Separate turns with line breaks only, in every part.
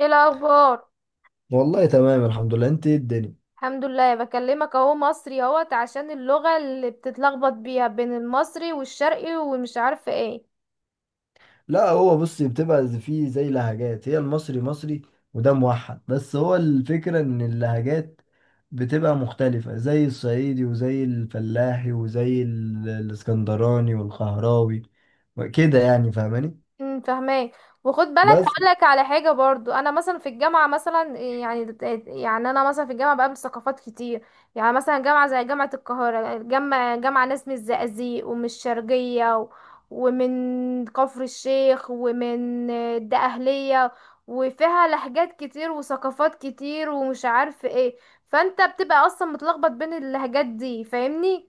ايه الاخبار؟
والله، تمام الحمد لله. انت ايه الدنيا؟
الحمد لله، بكلمك اهو مصري اهوت عشان اللغة اللي بتتلخبط بيها بين المصري والشرقي ومش عارفة ايه.
لا، هو بصي بتبقى فيه زي لهجات. هي المصري مصري وده موحد، بس هو الفكرة ان اللهجات بتبقى مختلفة زي الصعيدي وزي الفلاحي وزي الاسكندراني والقهراوي كده. يعني فاهماني؟
فاهماك. وخد بالك،
بس
هقول لك على حاجه برضو. انا مثلا في الجامعه مثلا يعني انا مثلا في الجامعه بقابل ثقافات كتير. يعني مثلا جامعه زي جامعه القاهره، جامعه ناس من الزقازيق ومن الشرقيه ومن كفر الشيخ ومن الدقهليه، وفيها لهجات كتير وثقافات كتير ومش عارف ايه. فانت بتبقى اصلا متلخبط بين اللهجات دي، فاهمني؟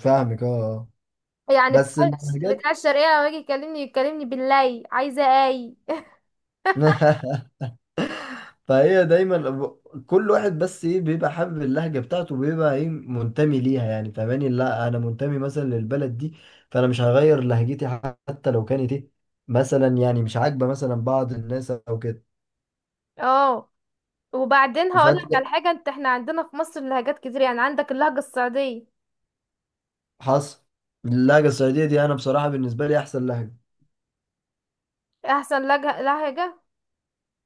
فاهمك. اه، آه.
يعني بتاع
بس اللهجات
بتاع الشرقيه لما يجي يكلمني باللي عايزه اي.
فهي دايما كل واحد بس ايه بيبقى حابب اللهجه بتاعته، بيبقى ايه منتمي ليها. يعني فاهماني؟ لا، انا منتمي مثلا للبلد دي، فانا مش هغير لهجتي حتى لو كانت ايه، مثلا يعني مش عاجبه مثلا بعض الناس او كده.
اه. وبعدين هقولك على
فتلاقي
حاجة، انت احنا عندنا في مصر لهجات كتير، يعني عندك اللهجة الصعيدية.
حصل. اللهجه الصعيديه دي انا بصراحه بالنسبه لي احسن لهجه.
احسن لهجة.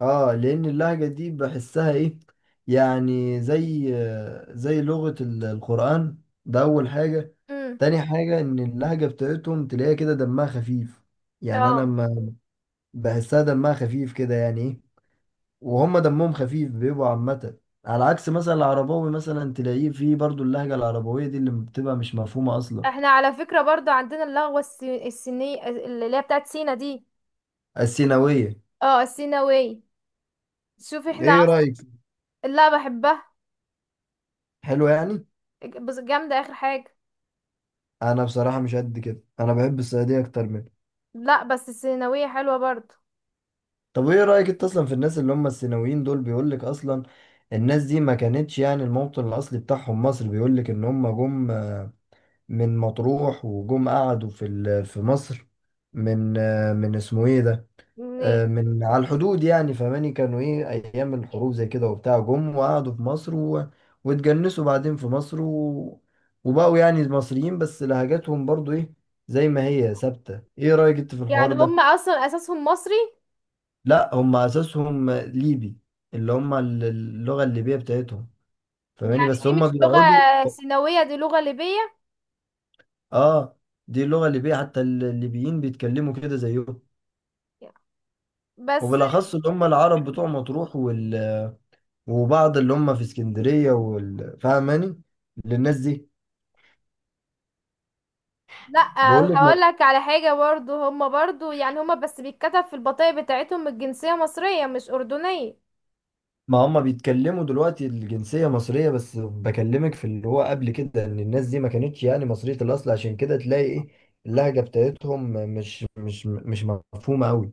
اه، لان اللهجه دي بحسها ايه، يعني زي زي لغه القران. ده اول حاجه.
امم.
تاني حاجه ان اللهجه بتاعتهم تلاقيها كده دمها خفيف. يعني
اه.
انا بحسها دمها خفيف كده يعني ايه. وهم دمهم خفيف بيبقوا عامة، على عكس مثلا العرباوي. مثلا تلاقيه فيه برضو اللهجة العربوية دي اللي بتبقى مش مفهومة أصلا.
احنا على فكرة برضو عندنا اللغة السينية اللي هي بتاعت سينا دي.
السيناوية؟
اه، السيناوية. شوف احنا.
ايه رأيك؟
لا بحبها.
حلو. يعني
بس جامدة اخر حاجة.
انا بصراحة مش قد كده، انا بحب الصعيدية اكتر منه.
لا بس السيناوية حلوة برضو.
طب ايه رأيك انت اصلا في الناس اللي هم السيناويين دول؟ بيقولك اصلا الناس دي ما كانتش يعني الموطن الاصلي بتاعهم مصر، بيقولك ان هم جم من مطروح وجم قعدوا في في مصر، من من اسمه ايه ده،
يعني
من على الحدود. يعني فماني كانوا ايه ايام الحروب زي كده وبتاع، جم وقعدوا في مصر، و... واتجنسوا بعدين في مصر، و... وبقوا يعني مصريين، بس لهجاتهم برضو ايه زي ما هي ثابتة. ايه رأيك انت في الحوار
يعني
ده؟
هم اصلا اساسهم مصري.
لا، هم اساسهم ليبي، اللي هم اللغة الليبية بتاعتهم، فماني
يعني
بس
دي
هم
مش لغة
بيقعدوا.
سيناوية، دي لغة ليبية.
اه، دي اللغة الليبية، حتى الليبيين بيتكلموا كده زيهم،
بس.
وبالاخص اللي هم العرب بتوع مطروح وبعض اللي هم في اسكندرية فاهماني؟ للناس دي
لا
بيقول لك ما.
هقول لك على حاجة برضو، هما برضو يعني هما بس بيتكتب في البطاقة بتاعتهم الجنسية مصرية مش أردنية.
ما هم بيتكلموا دلوقتي الجنسية مصرية، بس بكلمك في اللي هو قبل كده ان الناس دي ما كانتش يعني مصرية الأصل، عشان كده تلاقي ايه اللهجة بتاعتهم مش مفهومة قوي.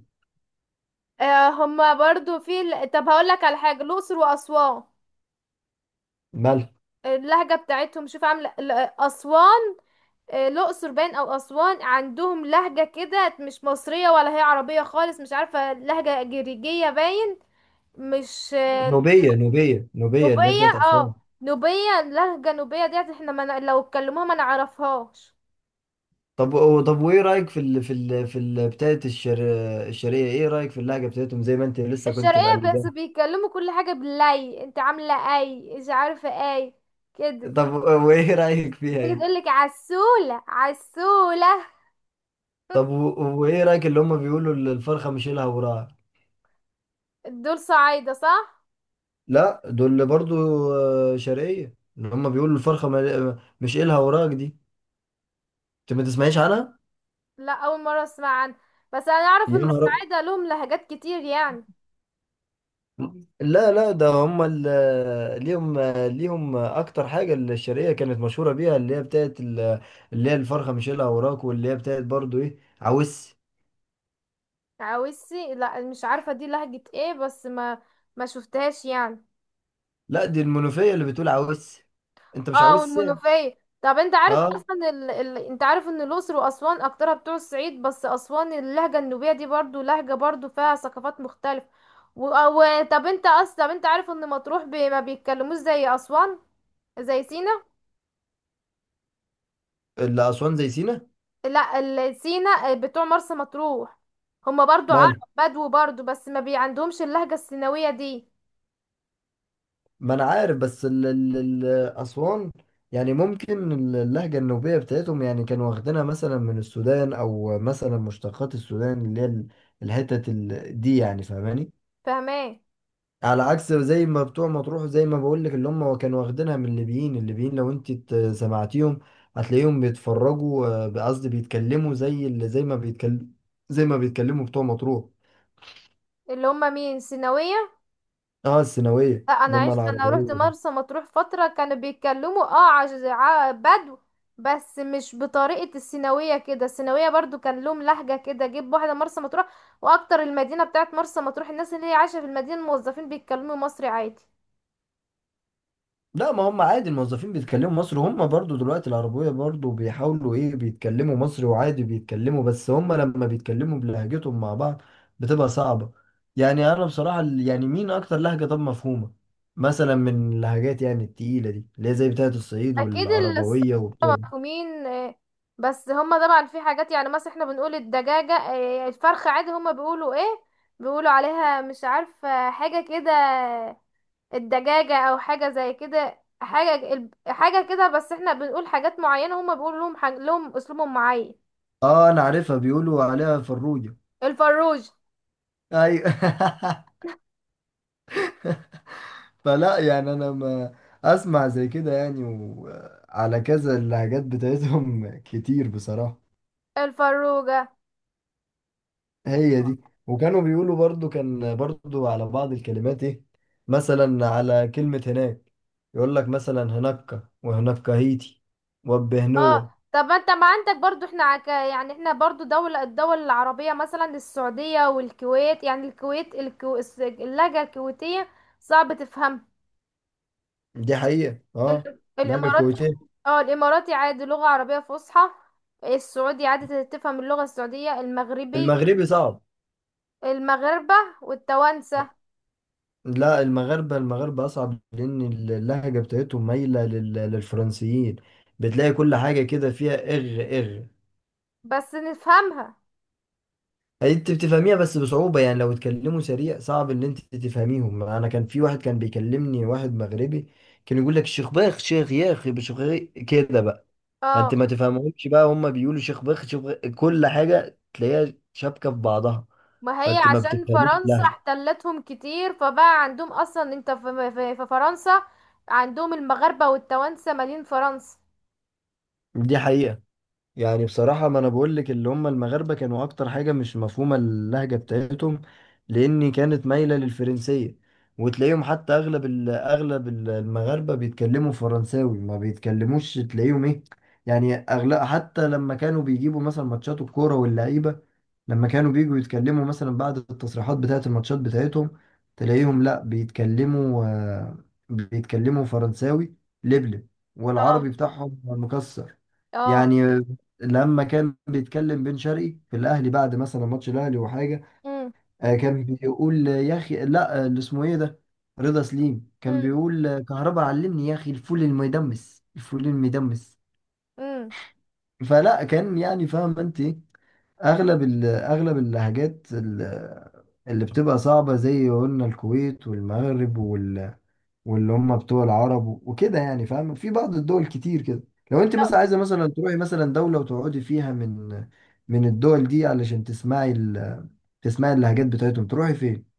آه، هما برضو طب هقول لك على حاجة، الأقصر وأسوان،
مالها؟
اللهجة بتاعتهم شوف عاملة أسوان. آه، الأقصر باين أو أسوان عندهم لهجة كده مش مصرية ولا هي عربية خالص، مش عارفة لهجة جريجية باين. مش آه،
نوبية اللي هي
نوبية،
بتاعت أسوان.
اه نوبية، لهجة نوبية ديت، احنا ما ن- لو اتكلموها ما نعرفهاش.
طب طب وايه رأيك في ال بتاعت الشرقية؟ ايه رأيك في اللهجة بتاعتهم زي ما انت لسه كنت
الشرقية بس
مقلداها؟
بيتكلموا كل حاجة باللي انت عاملة اي، مش عارفة اي كده.
طب وايه رأيك فيها
تيجي
دي؟
تقولك عسولة عسولة.
طب وايه رايك اللي هم بيقولوا الفرخه مش لها وراها؟
دول صعايدة، صح؟
لا، دول برضو شرقيه، اللي هم بيقولوا الفرخه مش لها وراك دي، انت ما تسمعيش عنها؟
لا، أول مرة أسمع عنها. بس أنا أعرف
يا
إن
نهار!
الصعايدة لهم لهجات كتير يعني.
لا، لا، ده هم ليهم، ليهم اكتر حاجه الشرقيه كانت مشهوره بيها اللي هي بتاعت اللي هي الفرخه مش لها وراك، واللي هي بتاعت برضو ايه عوس.
عاوزي، لا مش عارفة دي لهجة ايه، بس ما شفتهاش يعني.
لا، دي المنوفيه اللي بتقول عوس. انت مش
اه،
عاوز ساعة.
والمنوفية. طب انت عارف
اه،
اصلا انت عارف ان الاقصر واسوان اكترها بتوع الصعيد، بس اسوان اللهجة النوبية دي برضو لهجة برضو فيها ثقافات مختلفة. طب انت اصلا طب انت عارف ان مطروح ما بيتكلموش زي اسوان، زي سينا.
اللي اسوان زي سينا.
لا سينا بتوع مرسى مطروح هما برضو عرب،
ماله؟
بدو برضو، بس ما بي عندهمش اللهجة السيناوية دي.
ما انا عارف، بس ال اسوان، يعني ممكن اللهجة النوبية بتاعتهم يعني كانوا واخدينها مثلا من السودان، او مثلا مشتقات السودان اللي هي الحتت دي. يعني فاهماني؟
فاهماه.
على عكس زي ما بتوع مطروح، زي ما بقول لك اللي هم كانوا واخدينها من الليبيين. لو انت سمعتيهم هتلاقيهم بيتفرجوا، قصدي بيتكلموا زي اللي زي ما بيتكلم، زي ما بيتكلموا بتوع مطروح.
اللي هما مين، سيناوية؟
اه، السيناوية
لا، انا
اللي هم
عشت، انا روحت
العربية.
مرسى مطروح فتره كانوا بيتكلموا بدو، بس مش بطريقه السيناويه كده. السيناويه برضو كان لهم لهجه كده، جيب واحده مرسى مطروح. واكتر المدينه بتاعت مرسى مطروح، الناس اللي هي عايشه في المدينه الموظفين بيتكلموا مصري عادي.
لا، ما هم عادي الموظفين بيتكلموا مصري، هم برضو دلوقتي العربية برضو بيحاولوا ايه بيتكلموا مصري وعادي بيتكلموا، بس هم لما بيتكلموا بلهجتهم مع بعض بتبقى صعبة. يعني انا بصراحة يعني مين اكتر لهجة طب مفهومة مثلا من اللهجات يعني التقيلة دي اللي هي زي بتاعة الصعيد
اكيد.
والعربوية وبتاع.
الصحفيين، بس هما طبعا في حاجات، يعني مثلا احنا بنقول الدجاجه، الفرخه عادي، هما بيقولوا ايه، بيقولوا عليها مش عارفه حاجه كده. الدجاجة او حاجة زي كده، حاجة حاجة كده، بس احنا بنقول حاجات معينة هما بيقولوا لهم لهم اسلوبهم معين.
اه، انا عارفها، بيقولوا عليها فروجة.
الفروج.
ايوه فلا يعني انا ما اسمع زي كده يعني، وعلى كذا اللهجات بتاعتهم كتير بصراحة.
الفروجة.
هي دي. وكانوا بيقولوا برضو، كان برضو على بعض الكلمات ايه، مثلا على كلمة هناك يقول لك مثلا هناك، وهناك هيتي،
اه.
وبهنوة.
طب ما انت، ما عندك برضو احنا يعني احنا برضو دولة، الدول العربية مثلا السعودية والكويت، يعني الكويت اللهجة الكويتية صعب تفهم.
دي حقيقة، اه. اللهجة
الامارات.
الكويتية.
اه، الاماراتي عادي لغة عربية فصحى، السعودي عادي تفهم اللغة السعودية. المغربي.
المغربي صعب.
المغاربة والتوانسة.
لا، المغاربة، المغاربة أصعب لأن اللهجة بتاعتهم مايلة للفرنسيين. بتلاقي كل حاجة كده فيها إغ إغ.
بس نفهمها.
انت بتفهميها بس بصعوبة، يعني لو اتكلموا سريع صعب ان انت تفهميهم. انا كان في واحد كان بيكلمني، واحد مغربي كان يقول لك شيخ باخ شيخ ياخ شيخ كده بقى. فانت
اه،
ما تفهمهمش بقى، هم بيقولوا شيخ باخ شيخ باخ، كل حاجة تلاقيها شابكة في بعضها،
ما هي
فانت ما
عشان
بتفهميش
فرنسا
اللهجة.
احتلتهم كتير، فبقى عندهم اصلا انت في فرنسا. عندهم المغاربة والتوانسة مالين فرنسا.
دي حقيقة. يعني بصراحة ما أنا بقول لك اللي هم المغاربة كانوا أكتر حاجة مش مفهومة اللهجة بتاعتهم، لأن كانت مايلة للفرنسية. وتلاقيهم حتى أغلب المغاربة بيتكلموا فرنساوي ما بيتكلموش، تلاقيهم إيه، يعني أغلب، حتى لما كانوا بيجيبوا مثلا ماتشات الكورة واللعيبة، لما كانوا بيجوا يتكلموا مثلا بعد التصريحات بتاعة الماتشات بتاعتهم، تلاقيهم لأ بيتكلموا، بيتكلموا فرنساوي لبلب،
اه.
والعربي بتاعهم مكسر.
اه.
يعني لما كان بيتكلم بن شرقي في الاهلي بعد مثلا ماتش الاهلي وحاجه،
امم.
كان بيقول يا اخي، لا اللي اسمه ايه ده، رضا سليم كان
امم.
بيقول كهربا علمني يا اخي الفول المدمس الفول المدمس.
امم.
فلا كان، يعني فاهم انت إيه؟ اغلب اللهجات اللي بتبقى صعبه زي قلنا الكويت والمغرب واللي هم بتوع العرب وكده. يعني فاهم في بعض الدول كتير كده. لو انت
لو
مثلا عايزه مثلا تروحي مثلا دوله وتقعدي فيها من من الدول دي علشان تسمعي ال... تسمعي اللهجات بتاعتهم، تروحي فين؟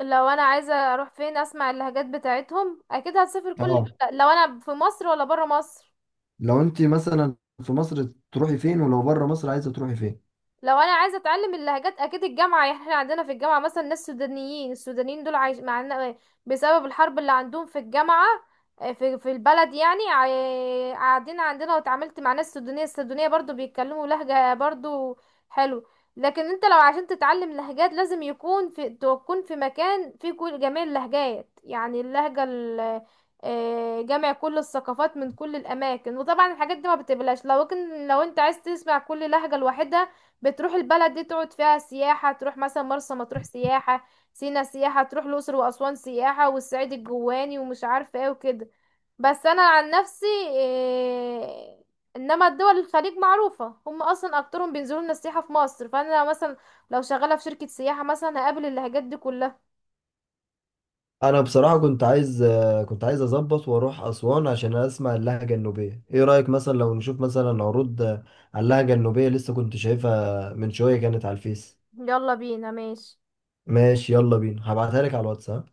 لو انا عايزة اروح فين اسمع اللهجات بتاعتهم، اكيد هسافر كل.
اه.
لو انا في مصر، ولا برا مصر؟
لو انت مثلا في مصر تروحي فين؟ ولو بره مصر عايزه تروحي فين؟
لو انا عايزه اتعلم اللهجات، اكيد الجامعه. يعني احنا عندنا في الجامعه مثلا ناس سودانيين، السودانيين دول عايش معانا بسبب الحرب اللي عندهم، في الجامعه، آه، في البلد، يعني قاعدين عندنا، واتعاملت مع ناس سودانيه، السودانيه برضو بيتكلموا لهجه برضو حلو. لكن انت لو عشان تتعلم لهجات لازم يكون في، تكون في مكان فيه كل جميع اللهجات، يعني اللهجه جمع كل الثقافات من كل الاماكن. وطبعا الحاجات دي ما بتبلاش. لو كن لو انت عايز تسمع كل لهجه لوحدها بتروح البلد دي تقعد فيها سياحة. تروح مثلا مرسى مطروح سياحة، سينا سياحة، تروح الأقصر وأسوان سياحة والصعيد الجواني ومش عارفة ايه وكده. بس أنا عن نفسي إنما دول الخليج معروفة هم أصلا أكترهم بينزلوا لنا السياحة في مصر، فأنا مثلا لو شغالة في شركة سياحة مثلا هقابل اللهجات دي كلها.
انا بصراحه كنت عايز، كنت عايز اظبط واروح اسوان عشان اسمع اللهجه النوبيه. ايه رايك مثلا لو نشوف مثلا عروض على اللهجه النوبيه؟ لسه كنت شايفها من شويه، كانت على الفيس.
يلا بينا، ماشي.
ماشي، يلا بينا. هبعتها لك على الواتس. ها؟